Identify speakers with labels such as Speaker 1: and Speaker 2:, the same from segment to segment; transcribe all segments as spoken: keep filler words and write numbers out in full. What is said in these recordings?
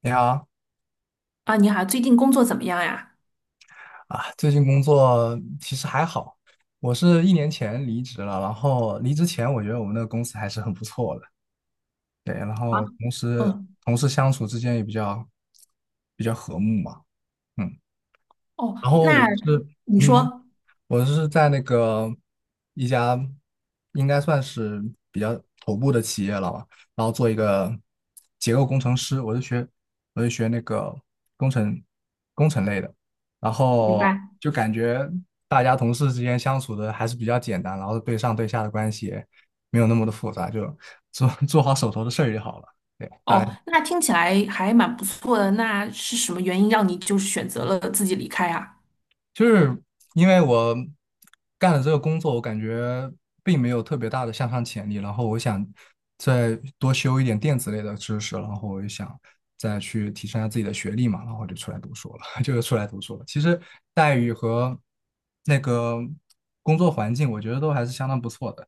Speaker 1: 你好
Speaker 2: 啊，你好，最近工作怎么样呀？
Speaker 1: 啊，最近工作其实还好，我是一年前离职了，然后离职前我觉得我们那个公司还是很不错的，对，然
Speaker 2: 啊，
Speaker 1: 后同时
Speaker 2: 嗯，
Speaker 1: 同事相处之间也比较比较和睦嘛，嗯，
Speaker 2: 哦，
Speaker 1: 然后我
Speaker 2: 那
Speaker 1: 是
Speaker 2: 你
Speaker 1: 嗯。
Speaker 2: 说，
Speaker 1: 我是在那个一家应该算是比较头部的企业了吧，然后做一个结构工程师，我是学我是学那个工程工程类的，然
Speaker 2: 明
Speaker 1: 后
Speaker 2: 白。
Speaker 1: 就感觉大家同事之间相处的还是比较简单，然后对上对下的关系也没有那么的复杂，就做做好手头的事儿就好了。对，大
Speaker 2: 哦，
Speaker 1: 概。
Speaker 2: 那听起来还蛮不错的。那是什么原因让你就是选择了自己离开啊？
Speaker 1: 就是因为我干了这个工作，我感觉并没有特别大的向上潜力，然后我想再多修一点电子类的知识，然后我就想再去提升一下自己的学历嘛，然后就出来读书了，就是出来读书了。其实待遇和那个工作环境，我觉得都还是相当不错的。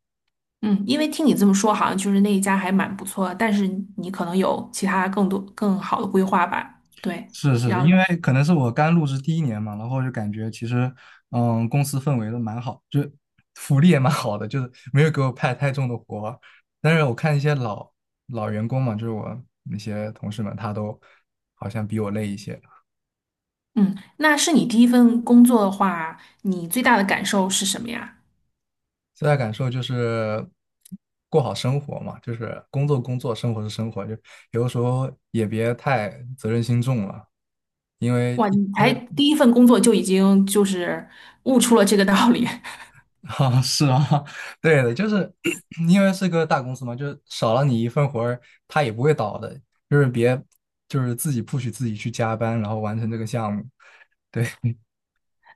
Speaker 2: 嗯，因为听你这么说，好像就是那一家还蛮不错的，但是你可能有其他更多更好的规划吧？对，
Speaker 1: 是
Speaker 2: 然
Speaker 1: 是，因
Speaker 2: 后，
Speaker 1: 为可能是我刚入职第一年嘛，然后就感觉其实，嗯，公司氛围都蛮好，就是福利也蛮好的，就是没有给我派太重的活儿，但是我看一些老老员工嘛，就是我那些同事们，他都好像比我累一些。
Speaker 2: 嗯，那是你第一份工作的话，你最大的感受是什么呀？
Speaker 1: 最大感受就是过好生活嘛，就是工作工作，生活是生活，就有的时候也别太责任心重了，因为
Speaker 2: 哇，你
Speaker 1: 因
Speaker 2: 才
Speaker 1: 为
Speaker 2: 第一份工作就已经就是悟出了这个道理。
Speaker 1: 啊，是啊，对的，就是 因为是个大公司嘛，就是少了你一份活儿，他也不会倒的。就是别，就是自己不许自己去加班，然后完成这个项目。对，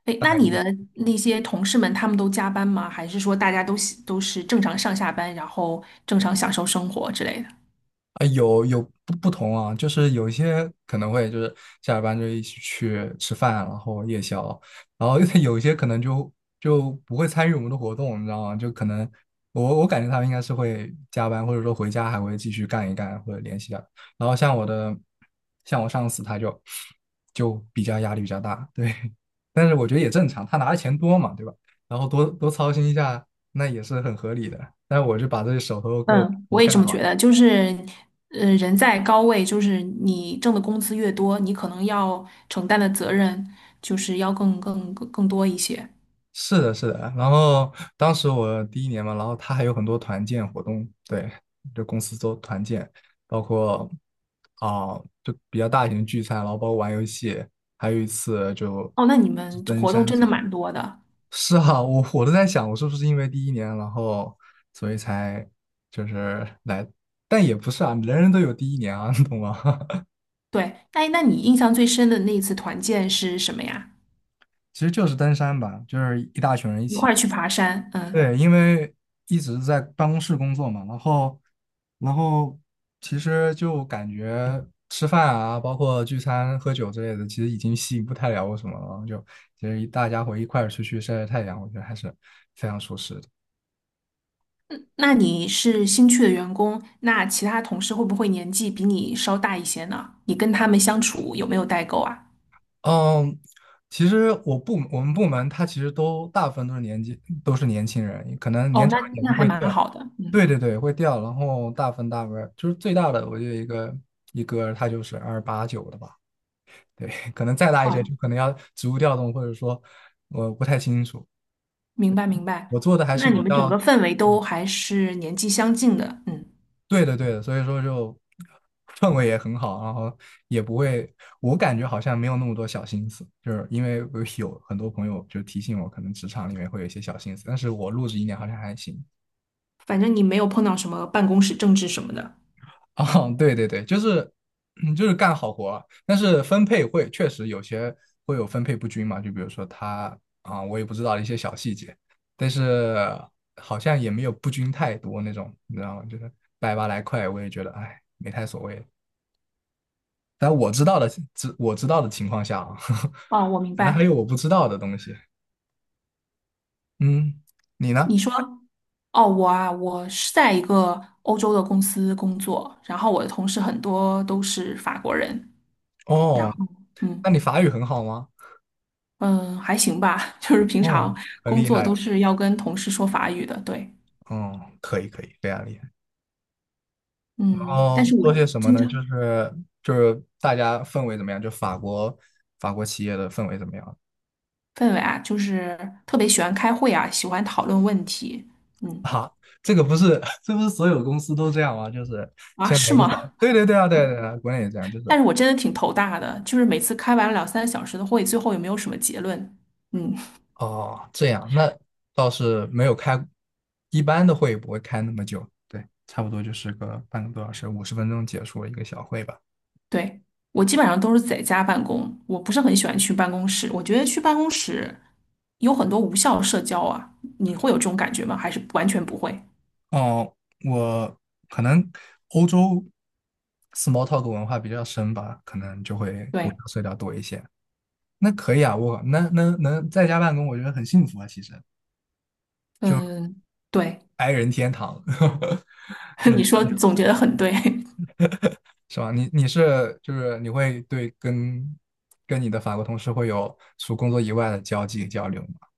Speaker 2: 哎，那你的那些同事们，他们都加班吗？还是说大家都喜都是正常上下班，然后正常享受生活之类的？
Speaker 1: 哎，有有不不同啊，就是有一些可能会就是下了班就一起去吃饭，然后夜宵，然后 有一些可能就就不会参与我们的活动，你知道吗？就可能我我感觉他们应该是会加班，或者说回家还会继续干一干或者联系一下。然后像我的像我上司他就就比较压力比较大，对，但是我觉得也正常，他拿的钱多嘛，对吧？然后多多操心一下，那也是很合理的。但是我就把这手头给我
Speaker 2: 嗯，
Speaker 1: 我
Speaker 2: 我也这
Speaker 1: 干
Speaker 2: 么
Speaker 1: 好。
Speaker 2: 觉得。就是，呃，人在高位，就是你挣的工资越多，你可能要承担的责任就是要更更更更多一些。
Speaker 1: 是的，是的。然后当时我第一年嘛，然后他还有很多团建活动，对，就公司做团建，包括啊、就比较大型的聚餐，然后包括玩游戏，还有一次就
Speaker 2: 哦，那你
Speaker 1: 就
Speaker 2: 们这
Speaker 1: 登
Speaker 2: 活动
Speaker 1: 山
Speaker 2: 真
Speaker 1: 之
Speaker 2: 的
Speaker 1: 类的。
Speaker 2: 蛮多的。
Speaker 1: 是啊，我我都在想，我是不是因为第一年，然后所以才就是来，但也不是啊，人人都有第一年啊，你懂吗？
Speaker 2: 对，哎，那你印象最深的那一次团建是什么呀？
Speaker 1: 其实就是登山吧，就是一大群人一
Speaker 2: 一块
Speaker 1: 起。
Speaker 2: 儿去爬山，嗯。
Speaker 1: 对，因为一直在办公室工作嘛，然后，然后其实就感觉吃饭啊，包括聚餐、喝酒之类的，其实已经吸引不太了我什么了。就其实一大家伙一块儿出去晒晒太阳，我觉得还是非常舒适的。
Speaker 2: 那你是新去的员工，那其他同事会不会年纪比你稍大一些呢？你跟他们相处有没有代沟啊？
Speaker 1: 嗯，其实我部我们部门他其实都大部分都是年纪都是年轻人，可能年
Speaker 2: 哦，
Speaker 1: 长
Speaker 2: 那
Speaker 1: 一点
Speaker 2: 那
Speaker 1: 就
Speaker 2: 还
Speaker 1: 会
Speaker 2: 蛮
Speaker 1: 掉。
Speaker 2: 好的，嗯，
Speaker 1: 对对对，会掉。然后大部分大部分就是最大的，我觉得一个一哥他就是二八九的吧。对，可能再大一
Speaker 2: 哇，
Speaker 1: 些就可能要职务调动，或者说我不太清楚。
Speaker 2: 明白明白。
Speaker 1: 我做的还是
Speaker 2: 那你
Speaker 1: 比
Speaker 2: 们整
Speaker 1: 较，
Speaker 2: 个氛围
Speaker 1: 嗯，
Speaker 2: 都还是年纪相近的，嗯，
Speaker 1: 对的对的，所以说就氛围也很好，然后也不会，我感觉好像没有那么多小心思，就是因为我有很多朋友就提醒我，可能职场里面会有一些小心思，但是我入职一年好像还行，
Speaker 2: 反正你没有碰到什么办公室政治什么的。
Speaker 1: 哦，对对对，就是，嗯，就是干好活啊。但是分配会确实有些会有分配不均嘛，就比如说他啊、我也不知道一些小细节，但是好像也没有不均太多那种，你知道吗？就是百八来块，我也觉得哎，没太所谓。但我知道的，知我知道的情况下啊，
Speaker 2: 哦，我明
Speaker 1: 可能还
Speaker 2: 白。
Speaker 1: 有我不知道的东西。嗯，你呢？
Speaker 2: 你说，哦，我啊，我是在一个欧洲的公司工作，然后我的同事很多都是法国人，然
Speaker 1: 哦，
Speaker 2: 后。
Speaker 1: 那
Speaker 2: 嗯。
Speaker 1: 你法语很好吗？
Speaker 2: 嗯，还行吧，就是平
Speaker 1: 哦，
Speaker 2: 常
Speaker 1: 很
Speaker 2: 工
Speaker 1: 厉
Speaker 2: 作
Speaker 1: 害
Speaker 2: 都
Speaker 1: 的。
Speaker 2: 是要跟同事说法语的，对，
Speaker 1: 哦，可以可以，非常厉害。然
Speaker 2: 嗯，但
Speaker 1: 后
Speaker 2: 是我
Speaker 1: 做些什么
Speaker 2: 经
Speaker 1: 呢？
Speaker 2: 常
Speaker 1: 就是就是大家氛围怎么样？就法国法国企业的氛围怎么样
Speaker 2: 氛围啊，就是特别喜欢开会啊，喜欢讨论问题，嗯，
Speaker 1: 啊？这个不是 这不是所有公司都这样吗？就是
Speaker 2: 啊，
Speaker 1: 先来
Speaker 2: 是
Speaker 1: 一个早，
Speaker 2: 吗？
Speaker 1: 对对对啊，对对对啊，国内也这样，就是
Speaker 2: 但是我真的挺头大的，就是每次开完了两三个小时的会，最后也没有什么结论，嗯，
Speaker 1: 哦这样，那倒是没有开，一般的会也不会开那么久，对，差不多就是个半个多小时，五十分钟结束了一个小会吧。
Speaker 2: 对，我基本上都是在家办公，我不是很喜欢去办公室，我觉得去办公室有很多无效社交啊，你会有这种感觉吗？还是完全不会？
Speaker 1: 哦，我可能欧洲 small talk 文化比较深吧，可能就会互
Speaker 2: 对，
Speaker 1: 相碎掉多一些。那可以啊，我那能能在家办公，我觉得很幸福啊，其实
Speaker 2: 嗯。对，
Speaker 1: ，i 人天堂，有
Speaker 2: 你说总结得很对，
Speaker 1: 是吧？你你是就是你会对跟跟你的法国同事会有除工作以外的交际交流吗？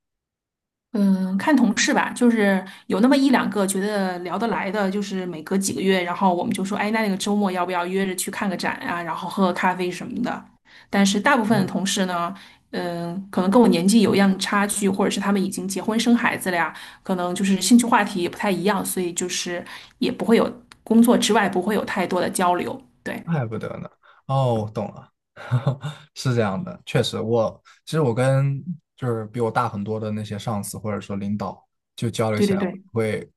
Speaker 2: 嗯，看同事吧，就是有那么一两个觉得聊得来的，就是每隔几个月，然后我们就说，哎，那那个周末要不要约着去看个展啊，然后喝个咖啡什么的。但是大部分的同事呢，嗯，可能跟我年纪有一样差距，或者是他们已经结婚生孩子了呀，可能就是兴趣话题也不太一样，所以就是也不会有工作之外不会有太多的交流。对，
Speaker 1: 怪不得呢。哦，我懂了，是这样的，确实我其实我跟就是比我大很多的那些上司或者说领导就交流
Speaker 2: 对
Speaker 1: 起
Speaker 2: 对
Speaker 1: 来
Speaker 2: 对。
Speaker 1: 会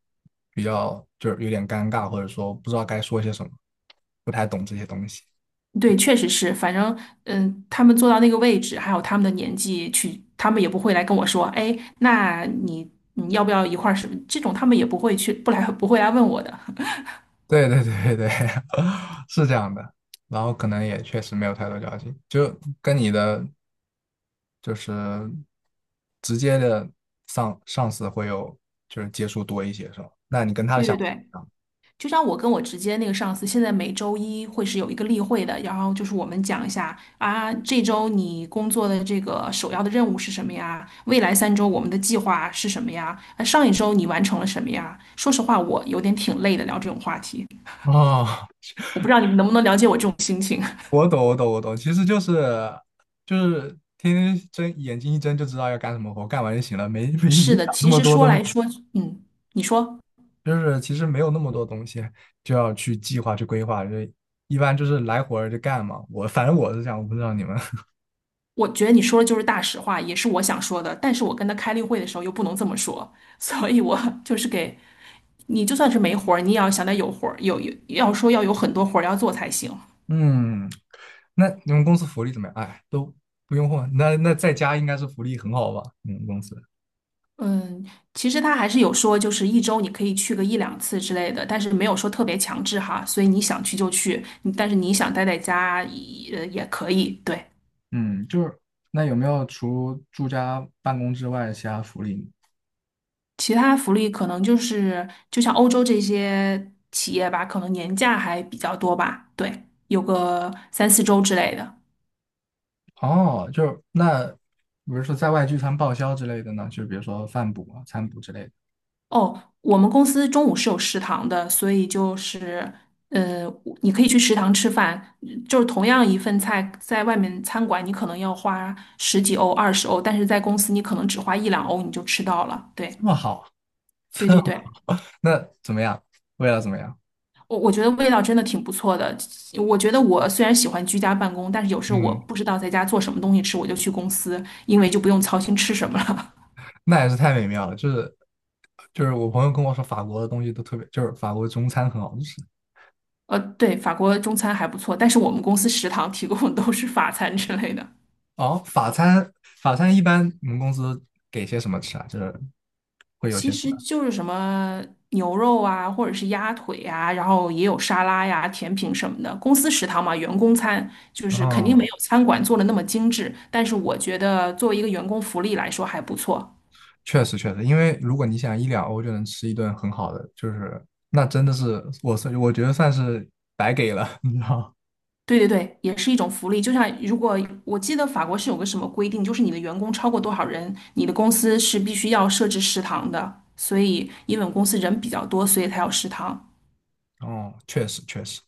Speaker 1: 比较就是有点尴尬，或者说不知道该说些什么，不太懂这些东西。
Speaker 2: 对，确实是，反正嗯，他们坐到那个位置，还有他们的年纪去，他们也不会来跟我说，哎，那你你要不要一块儿什么？这种他们也不会去，不来 不会来问我的。
Speaker 1: 对对对对，对，是这样的。然后可能也确实没有太多交集，就跟你的就是直接的上上司会有就是接触多一些，是吧？那你跟他的
Speaker 2: 对
Speaker 1: 想
Speaker 2: 对
Speaker 1: 法
Speaker 2: 对，就像我跟我直接那个上司，现在每周一会是有一个例会的，然后就是我们讲一下啊，这周你工作的这个首要的任务是什么呀？未来三周我们的计划是什么呀？啊上一周你完成了什么呀？说实话，我有点挺累的聊这种话题，
Speaker 1: 不一样哦。
Speaker 2: 我不知道你们能不能了解我这种心情。
Speaker 1: 我懂我懂我懂，其实就是就是天天睁眼睛一睁就知道要干什么活，干完就行了，没没没
Speaker 2: 是的，
Speaker 1: 想那
Speaker 2: 其
Speaker 1: 么
Speaker 2: 实
Speaker 1: 多
Speaker 2: 说
Speaker 1: 东西。
Speaker 2: 来说，嗯，你说，
Speaker 1: 就是其实没有那么多东西就要去计划去规划，就一般就是来活儿就干嘛。我反正我是这样，我不知道你们。
Speaker 2: 我觉得你说的就是大实话，也是我想说的。但是我跟他开例会的时候又不能这么说，所以我 就是给你，就算是没活儿，你也要想得有活儿，有有要说要有很多活儿要做才行。
Speaker 1: 嗯，那你们公司福利怎么样？哎，都不用问。那那在家应该是福利很好吧？你们公司？
Speaker 2: 嗯，其实他还是有说，就是一周你可以去个一两次之类的，但是没有说特别强制哈，所以你想去就去，你但是你想待在家也呃也可以，对。
Speaker 1: 嗯，就是那有没有除住家办公之外的其他福利？
Speaker 2: 其他福利可能就是，就像欧洲这些企业吧，可能年假还比较多吧，对，有个三四周之类的。
Speaker 1: 哦，就是那比如说在外聚餐报销之类的呢，就是比如说饭补啊、餐补之类的，
Speaker 2: 哦，我们公司中午是有食堂的，所以就是，呃，你可以去食堂吃饭，就是同样一份菜，在外面餐馆你可能要花十几欧、二十欧，但是在公司你可能只花一两欧你就吃到了。对，
Speaker 1: 这么好，
Speaker 2: 对对对。
Speaker 1: 那怎么样？为了怎么样？
Speaker 2: 我我觉得味道真的挺不错的。我觉得我虽然喜欢居家办公，但是有时候我
Speaker 1: 嗯。
Speaker 2: 不知道在家做什么东西吃，我就去公司，因为就不用操心吃什么了。
Speaker 1: 那也是太美妙了。就是就是我朋友跟我说，法国的东西都特别，就是法国中餐很好吃。
Speaker 2: 呃，对，法国中餐还不错，但是我们公司食堂提供的都是法餐之类的，
Speaker 1: 哦，法餐法餐一般你们公司给些什么吃啊？就是会有
Speaker 2: 其
Speaker 1: 些什么？
Speaker 2: 实就是什么牛肉啊，或者是鸭腿啊，然后也有沙拉呀、甜品什么的。公司食堂嘛，员工餐就是肯定没
Speaker 1: 哦，
Speaker 2: 有餐馆做的那么精致，但是我觉得作为一个员工福利来说还不错。
Speaker 1: 确实确实，因为如果你想一两欧就能吃一顿很好的，就是那真的是我是我觉得算是白给了，你知道吗？
Speaker 2: 对对对，也是一种福利。就像如果我记得法国是有个什么规定，就是你的员工超过多少人，你的公司是必须要设置食堂的。所以，因为我们公司人比较多，所以才有食堂。
Speaker 1: 哦，确实确实。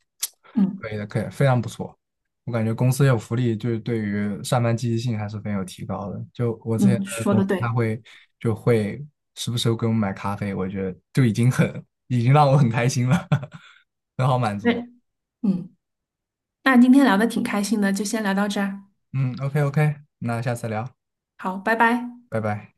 Speaker 2: 嗯
Speaker 1: 可以的，可以，非常不错。我感觉公司有福利，就是对于上班积极性还是很有提高的。就我之前
Speaker 2: 嗯，
Speaker 1: 的
Speaker 2: 说
Speaker 1: 公
Speaker 2: 的
Speaker 1: 司，他
Speaker 2: 对。
Speaker 1: 会就会时不时会给我们买咖啡，我觉得就已经很已经让我很开心了，很好满
Speaker 2: 那
Speaker 1: 足。
Speaker 2: 嗯，那今天聊的挺开心的，就先聊到这儿。
Speaker 1: 嗯，OK OK，那下次聊，
Speaker 2: 好，拜拜。
Speaker 1: 拜拜。